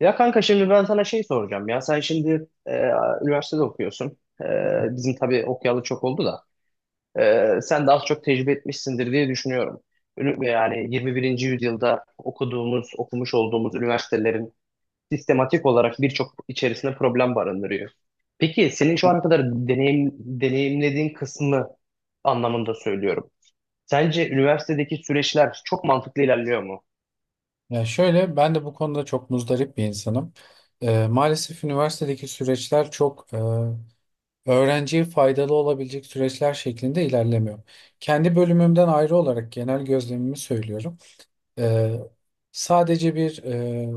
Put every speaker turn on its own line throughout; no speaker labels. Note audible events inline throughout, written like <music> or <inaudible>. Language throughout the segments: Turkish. Ya kanka şimdi ben sana şey soracağım. Ya sen şimdi üniversitede okuyorsun. Bizim tabii okuyalı çok oldu da. Sen de az çok tecrübe etmişsindir diye düşünüyorum. Yani 21. yüzyılda okuduğumuz, okumuş olduğumuz üniversitelerin sistematik olarak birçok içerisinde problem barındırıyor. Peki senin şu ana kadar deneyimlediğin kısmı anlamında söylüyorum. Sence üniversitedeki süreçler çok mantıklı ilerliyor mu?
Ya şöyle, ben de bu konuda çok muzdarip bir insanım. Maalesef üniversitedeki süreçler çok öğrenciye faydalı olabilecek süreçler şeklinde ilerlemiyor. Kendi bölümümden ayrı olarak genel gözlemimi söylüyorum. Eee, Sadece bir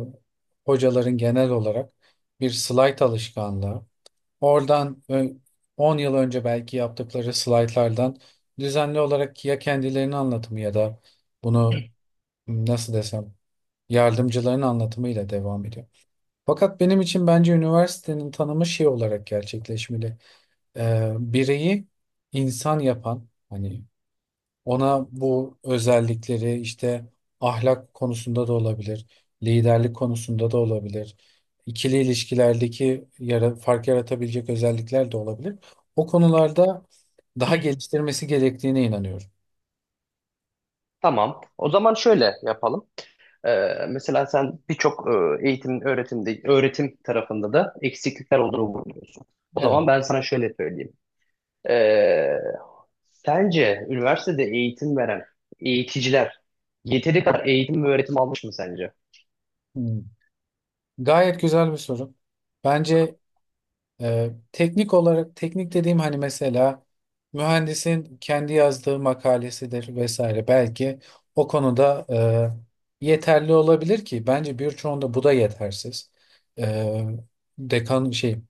hocaların genel olarak bir slayt alışkanlığı. Oradan ö- 10 yıl önce belki yaptıkları slaytlardan düzenli olarak ya kendilerini anlatımı ya da bunu, nasıl desem, yardımcıların anlatımıyla devam ediyor. Fakat benim için bence üniversitenin tanımı şey olarak gerçekleşmeli. Bireyi insan yapan, hani ona bu özellikleri işte, ahlak konusunda da olabilir, liderlik konusunda da olabilir, ikili ilişkilerdeki yara, fark yaratabilecek özellikler de olabilir. O konularda daha geliştirmesi gerektiğine inanıyorum.
Tamam. O zaman şöyle yapalım. Mesela sen birçok öğretimde, öğretim tarafında da eksiklikler olduğunu vurguluyorsun. O zaman
Evet.
ben sana şöyle söyleyeyim. Ee, Sence üniversitede eğitim veren eğiticiler yeteri kadar eğitim ve öğretim almış mı sence?
Hmm. Gayet güzel bir soru. Bence teknik olarak, teknik dediğim hani mesela mühendisin kendi yazdığı makalesidir vesaire, belki o konuda yeterli olabilir ki bence birçoğunda bu da yetersiz. Ee, Dekan şey,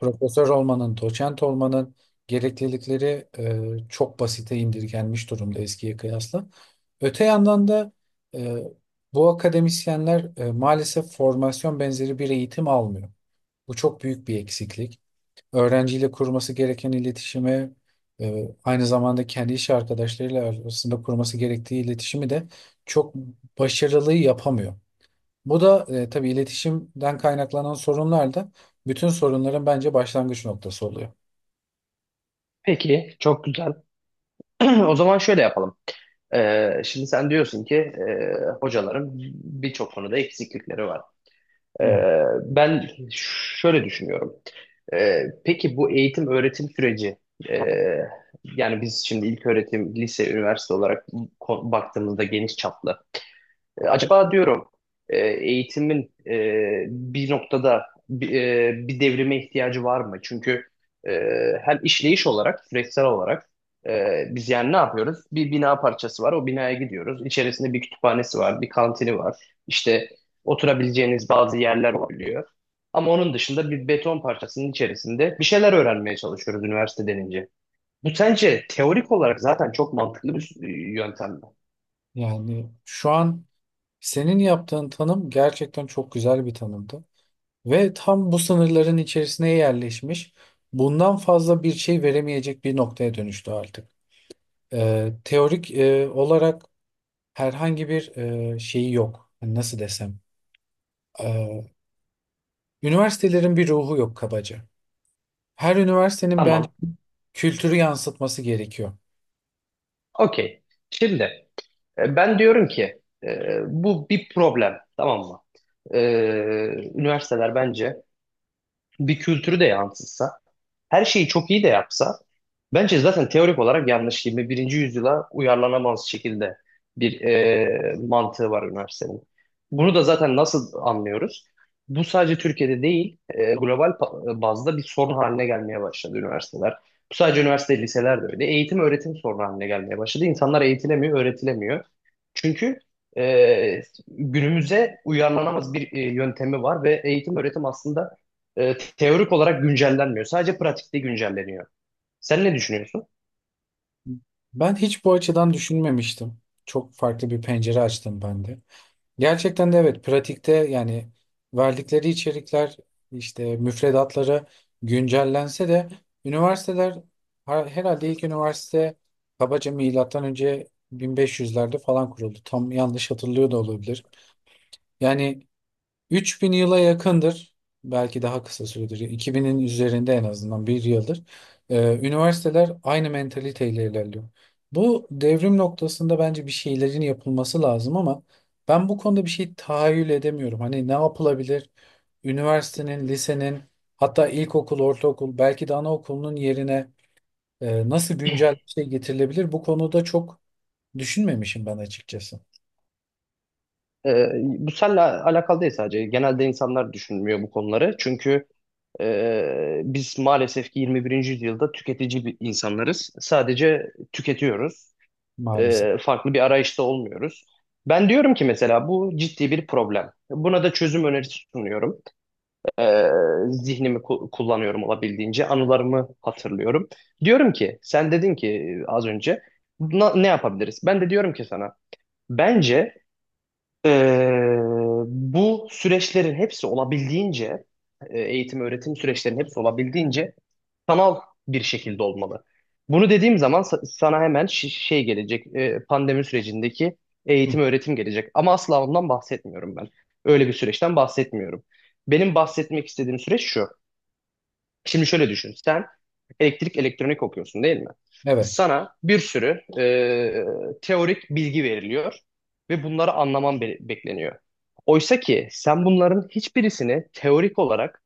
profesör olmanın, doçent olmanın gereklilikleri çok basite indirgenmiş durumda eskiye kıyasla. Öte yandan da e, bu akademisyenler maalesef formasyon benzeri bir eğitim almıyor. Bu çok büyük bir eksiklik. Öğrenciyle kurması gereken iletişimi, aynı zamanda kendi iş arkadaşlarıyla arasında kurması gerektiği iletişimi de çok başarılı yapamıyor. Bu da tabii iletişimden kaynaklanan sorunlar da bütün sorunların bence başlangıç noktası oluyor.
Peki, çok güzel. <clears throat> O zaman şöyle yapalım. Şimdi sen diyorsun ki hocaların birçok konuda eksiklikleri var. Ee,
Evet.
Ben şöyle düşünüyorum. Peki bu eğitim öğretim süreci e, yani biz şimdi ilköğretim, lise, üniversite olarak baktığımızda geniş çaplı. Acaba diyorum eğitimin bir noktada bir devrime ihtiyacı var mı? Çünkü e, hem işleyiş olarak, süreçsel olarak, biz yani ne yapıyoruz? Bir bina parçası var, o binaya gidiyoruz. İçerisinde bir kütüphanesi var, bir kantini var. İşte oturabileceğiniz bazı yerler oluyor. Ama onun dışında bir beton parçasının içerisinde bir şeyler öğrenmeye çalışıyoruz üniversite denince. Bu sence teorik olarak zaten çok mantıklı bir yöntem mi?
Yani şu an senin yaptığın tanım gerçekten çok güzel bir tanımdı. Ve tam bu sınırların içerisine yerleşmiş, bundan fazla bir şey veremeyecek bir noktaya dönüştü artık. Teorik olarak herhangi bir şeyi yok. Hani nasıl desem? E, Üniversitelerin bir ruhu yok kabaca. Her üniversitenin bence
Tamam,
kültürü yansıtması gerekiyor.
okey. Şimdi... Ben diyorum ki bu bir problem, tamam mı? E, Üniversiteler bence bir kültürü de yansıtsa, her şeyi çok iyi de yapsa, bence zaten teorik olarak yanlış yirmi birinci yüzyıla uyarlanamaz şekilde bir mantığı var üniversitenin. Bunu da zaten nasıl anlıyoruz? Bu sadece Türkiye'de değil, global bazda bir sorun haline gelmeye başladı üniversiteler. Bu sadece üniversite, liseler de öyle. Eğitim, öğretim sorunu haline gelmeye başladı. İnsanlar eğitilemiyor, öğretilemiyor. Çünkü e, günümüze uyarlanamaz bir yöntemi var ve eğitim, öğretim aslında teorik olarak güncellenmiyor. Sadece pratikte güncelleniyor. Sen ne düşünüyorsun?
Ben hiç bu açıdan düşünmemiştim. Çok farklı bir pencere açtım ben de. Gerçekten de, evet, pratikte yani verdikleri içerikler, işte müfredatları güncellense de üniversiteler herhalde ilk üniversite kabaca milattan önce 1500'lerde falan kuruldu. Tam yanlış hatırlıyor da olabilir. Yani 3000 yıla yakındır. Belki daha kısa süredir. 2000'in üzerinde en azından bir yıldır. Üniversiteler aynı mentaliteyle ilerliyor. Bu devrim noktasında bence bir şeylerin yapılması lazım ama ben bu konuda bir şey tahayyül edemiyorum. Hani ne yapılabilir? Üniversitenin, lisenin, hatta ilkokul, ortaokul, belki de anaokulunun yerine nasıl güncel bir şey getirilebilir? Bu konuda çok düşünmemişim ben, açıkçası
Bu seninle alakalı değil sadece. Genelde insanlar düşünmüyor bu konuları. Çünkü biz maalesef ki 21. yüzyılda tüketici bir insanlarız. Sadece tüketiyoruz.
maalesef.
Farklı bir arayışta olmuyoruz. Ben diyorum ki mesela bu ciddi bir problem. Buna da çözüm önerisi sunuyorum. Ee, Zihnimi kullanıyorum olabildiğince. Anılarımı hatırlıyorum. Diyorum ki sen dedin ki az önce ne yapabiliriz?" Ben de diyorum ki sana, bence, ee, bu süreçlerin hepsi olabildiğince, eğitim öğretim süreçlerinin hepsi olabildiğince sanal bir şekilde olmalı. Bunu dediğim zaman sana hemen şey gelecek, pandemi sürecindeki
Hı.
eğitim öğretim gelecek. Ama asla ondan bahsetmiyorum ben. Öyle bir süreçten bahsetmiyorum. Benim bahsetmek istediğim süreç şu. Şimdi şöyle düşün. Sen elektrik elektronik okuyorsun değil mi?
Evet.
Sana bir sürü teorik bilgi veriliyor ve bunları anlaman bekleniyor. Oysa ki sen bunların hiçbirisini teorik olarak,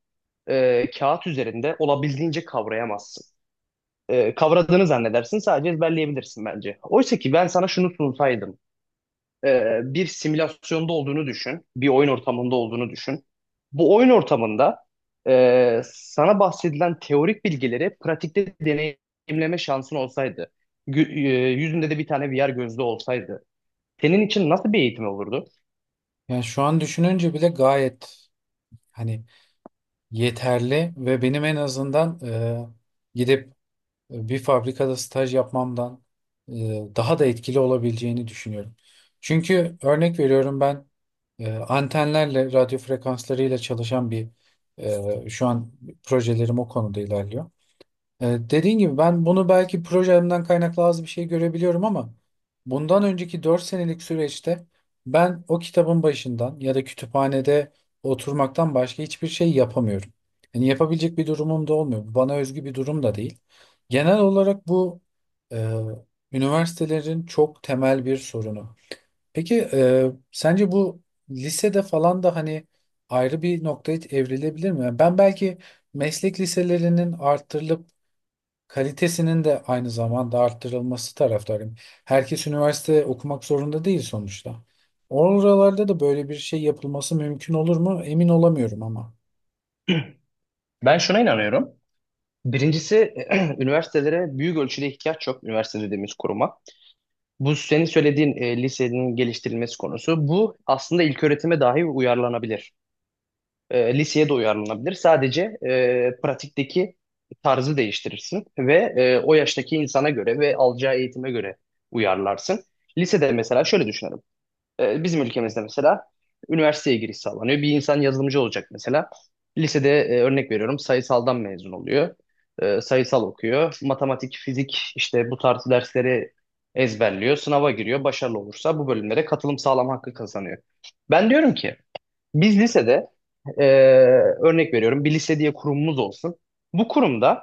kağıt üzerinde, olabildiğince kavrayamazsın. Kavradığını zannedersin, sadece ezberleyebilirsin bence. Oysa ki ben sana şunu sunsaydım, bir simülasyonda olduğunu düşün. Bir oyun ortamında olduğunu düşün. Bu oyun ortamında, sana bahsedilen teorik bilgileri pratikte deneyimleme şansın olsaydı, yüzünde de bir tane VR gözlüğü olsaydı, senin için nasıl bir eğitim olurdu?
Yani şu an düşününce bile gayet, hani, yeterli ve benim en azından, gidip bir fabrikada staj yapmamdan e, daha da etkili olabileceğini düşünüyorum. Çünkü örnek veriyorum, ben antenlerle, radyo frekanslarıyla çalışan bir şu an projelerim o konuda ilerliyor. Dediğin gibi, ben bunu belki projemden kaynaklı az bir şey görebiliyorum ama bundan önceki 4 senelik süreçte ben o kitabın başından ya da kütüphanede oturmaktan başka hiçbir şey yapamıyorum. Yani yapabilecek bir durumum da olmuyor. Bu bana özgü bir durum da değil. Genel olarak bu e, üniversitelerin çok temel bir sorunu. Peki sence bu lisede falan da hani ayrı bir noktaya evrilebilir mi? Yani ben belki meslek liselerinin arttırılıp kalitesinin de aynı zamanda arttırılması taraftarıyım. Herkes üniversite okumak zorunda değil sonuçta. Oralarda da böyle bir şey yapılması mümkün olur mu? Emin olamıyorum ama.
Ben şuna inanıyorum. Birincisi, <clears throat> üniversitelere büyük ölçüde ihtiyaç yok, üniversite dediğimiz kuruma. Bu senin söylediğin lisenin geliştirilmesi konusu. Bu aslında ilköğretime dahi uyarlanabilir. Liseye de uyarlanabilir. Sadece pratikteki tarzı değiştirirsin ve o yaştaki insana göre ve alacağı eğitime göre uyarlarsın. Lisede mesela şöyle düşünelim. Bizim ülkemizde mesela üniversiteye giriş sağlanıyor. Bir insan yazılımcı olacak mesela. Lisede örnek veriyorum, sayısaldan mezun oluyor. Sayısal okuyor. Matematik, fizik, işte bu tarz dersleri ezberliyor. Sınava giriyor. Başarılı olursa bu bölümlere katılım sağlam hakkı kazanıyor. Ben diyorum ki biz lisede, e, örnek veriyorum, bir lise diye kurumumuz olsun. Bu kurumda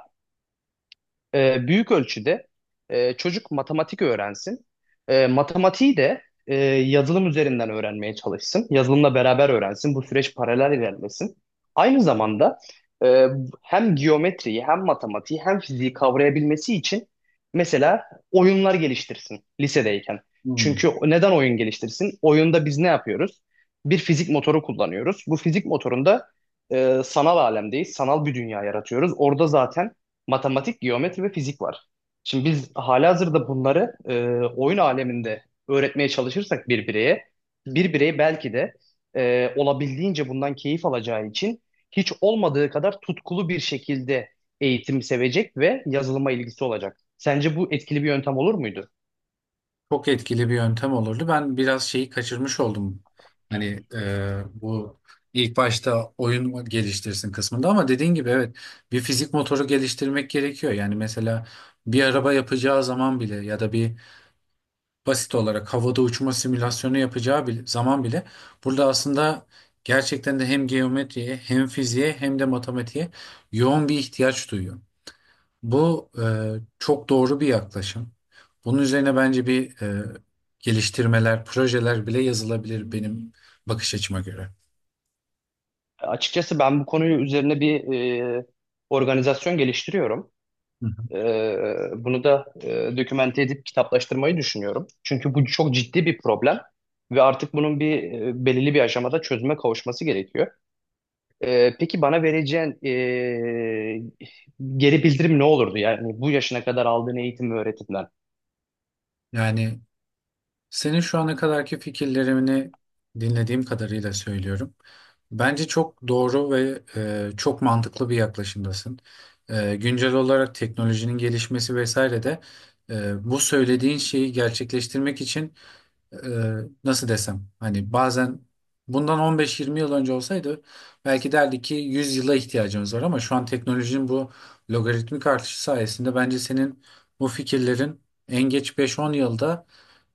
büyük ölçüde çocuk matematik öğrensin. Matematiği de yazılım üzerinden öğrenmeye çalışsın. Yazılımla beraber öğrensin. Bu süreç paralel ilerlesin. Aynı zamanda e, hem geometriyi hem matematiği hem fiziği kavrayabilmesi için mesela oyunlar geliştirsin lisedeyken.
Hmm.
Çünkü neden oyun geliştirsin? Oyunda biz ne yapıyoruz? Bir fizik motoru kullanıyoruz. Bu fizik motorunda sanal alemdeyiz. Sanal bir dünya yaratıyoruz. Orada zaten matematik, geometri ve fizik var. Şimdi biz halihazırda bunları oyun aleminde öğretmeye çalışırsak bir bireye, bir birey belki de olabildiğince bundan keyif alacağı için hiç olmadığı kadar tutkulu bir şekilde eğitim sevecek ve yazılıma ilgisi olacak. Sence bu etkili bir yöntem olur muydu?
Çok etkili bir yöntem olurdu. Ben biraz şeyi kaçırmış oldum. Hani bu ilk başta oyun geliştirsin kısmında ama dediğin gibi, evet, bir fizik motoru geliştirmek gerekiyor. Yani mesela bir araba yapacağı zaman bile ya da bir basit olarak havada uçma simülasyonu yapacağı bile, zaman bile, burada aslında gerçekten de hem geometriye hem fiziğe hem de matematiğe yoğun bir ihtiyaç duyuyor. Bu çok doğru bir yaklaşım. Bunun üzerine bence bir geliştirmeler, projeler bile yazılabilir benim bakış açıma göre.
Açıkçası ben bu konuyu üzerine bir e, organizasyon geliştiriyorum.
Hı hı.
Bunu da dokümente edip kitaplaştırmayı düşünüyorum. Çünkü bu çok ciddi bir problem ve artık bunun belirli bir aşamada çözüme kavuşması gerekiyor. Peki bana vereceğin geri bildirim ne olurdu? Yani bu yaşına kadar aldığın eğitim ve öğretimden.
Yani senin şu ana kadarki fikirlerini dinlediğim kadarıyla söylüyorum. Bence çok doğru ve çok mantıklı bir yaklaşımdasın. Güncel olarak teknolojinin gelişmesi vesaire de bu söylediğin şeyi gerçekleştirmek için, e, nasıl desem, hani bazen bundan 15-20 yıl önce olsaydı belki derdi ki 100 yıla ihtiyacımız var, ama şu an teknolojinin bu logaritmik artışı sayesinde bence senin bu fikirlerin en geç 5-10 yılda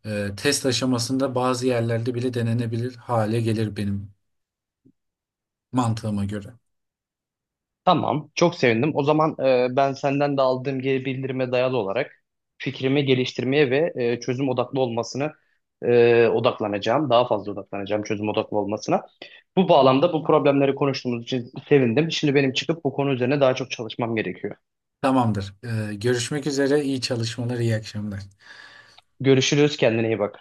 test aşamasında bazı yerlerde bile denenebilir hale gelir benim mantığıma göre.
Tamam, çok sevindim. O zaman ben senden de aldığım geri bildirime dayalı olarak fikrimi geliştirmeye ve çözüm odaklı olmasını odaklanacağım. Daha fazla odaklanacağım çözüm odaklı olmasına. Bu bağlamda bu problemleri konuştuğumuz için sevindim. Şimdi benim çıkıp bu konu üzerine daha çok çalışmam gerekiyor.
Tamamdır. Görüşmek üzere. İyi çalışmalar, iyi akşamlar.
Görüşürüz, kendine iyi bak.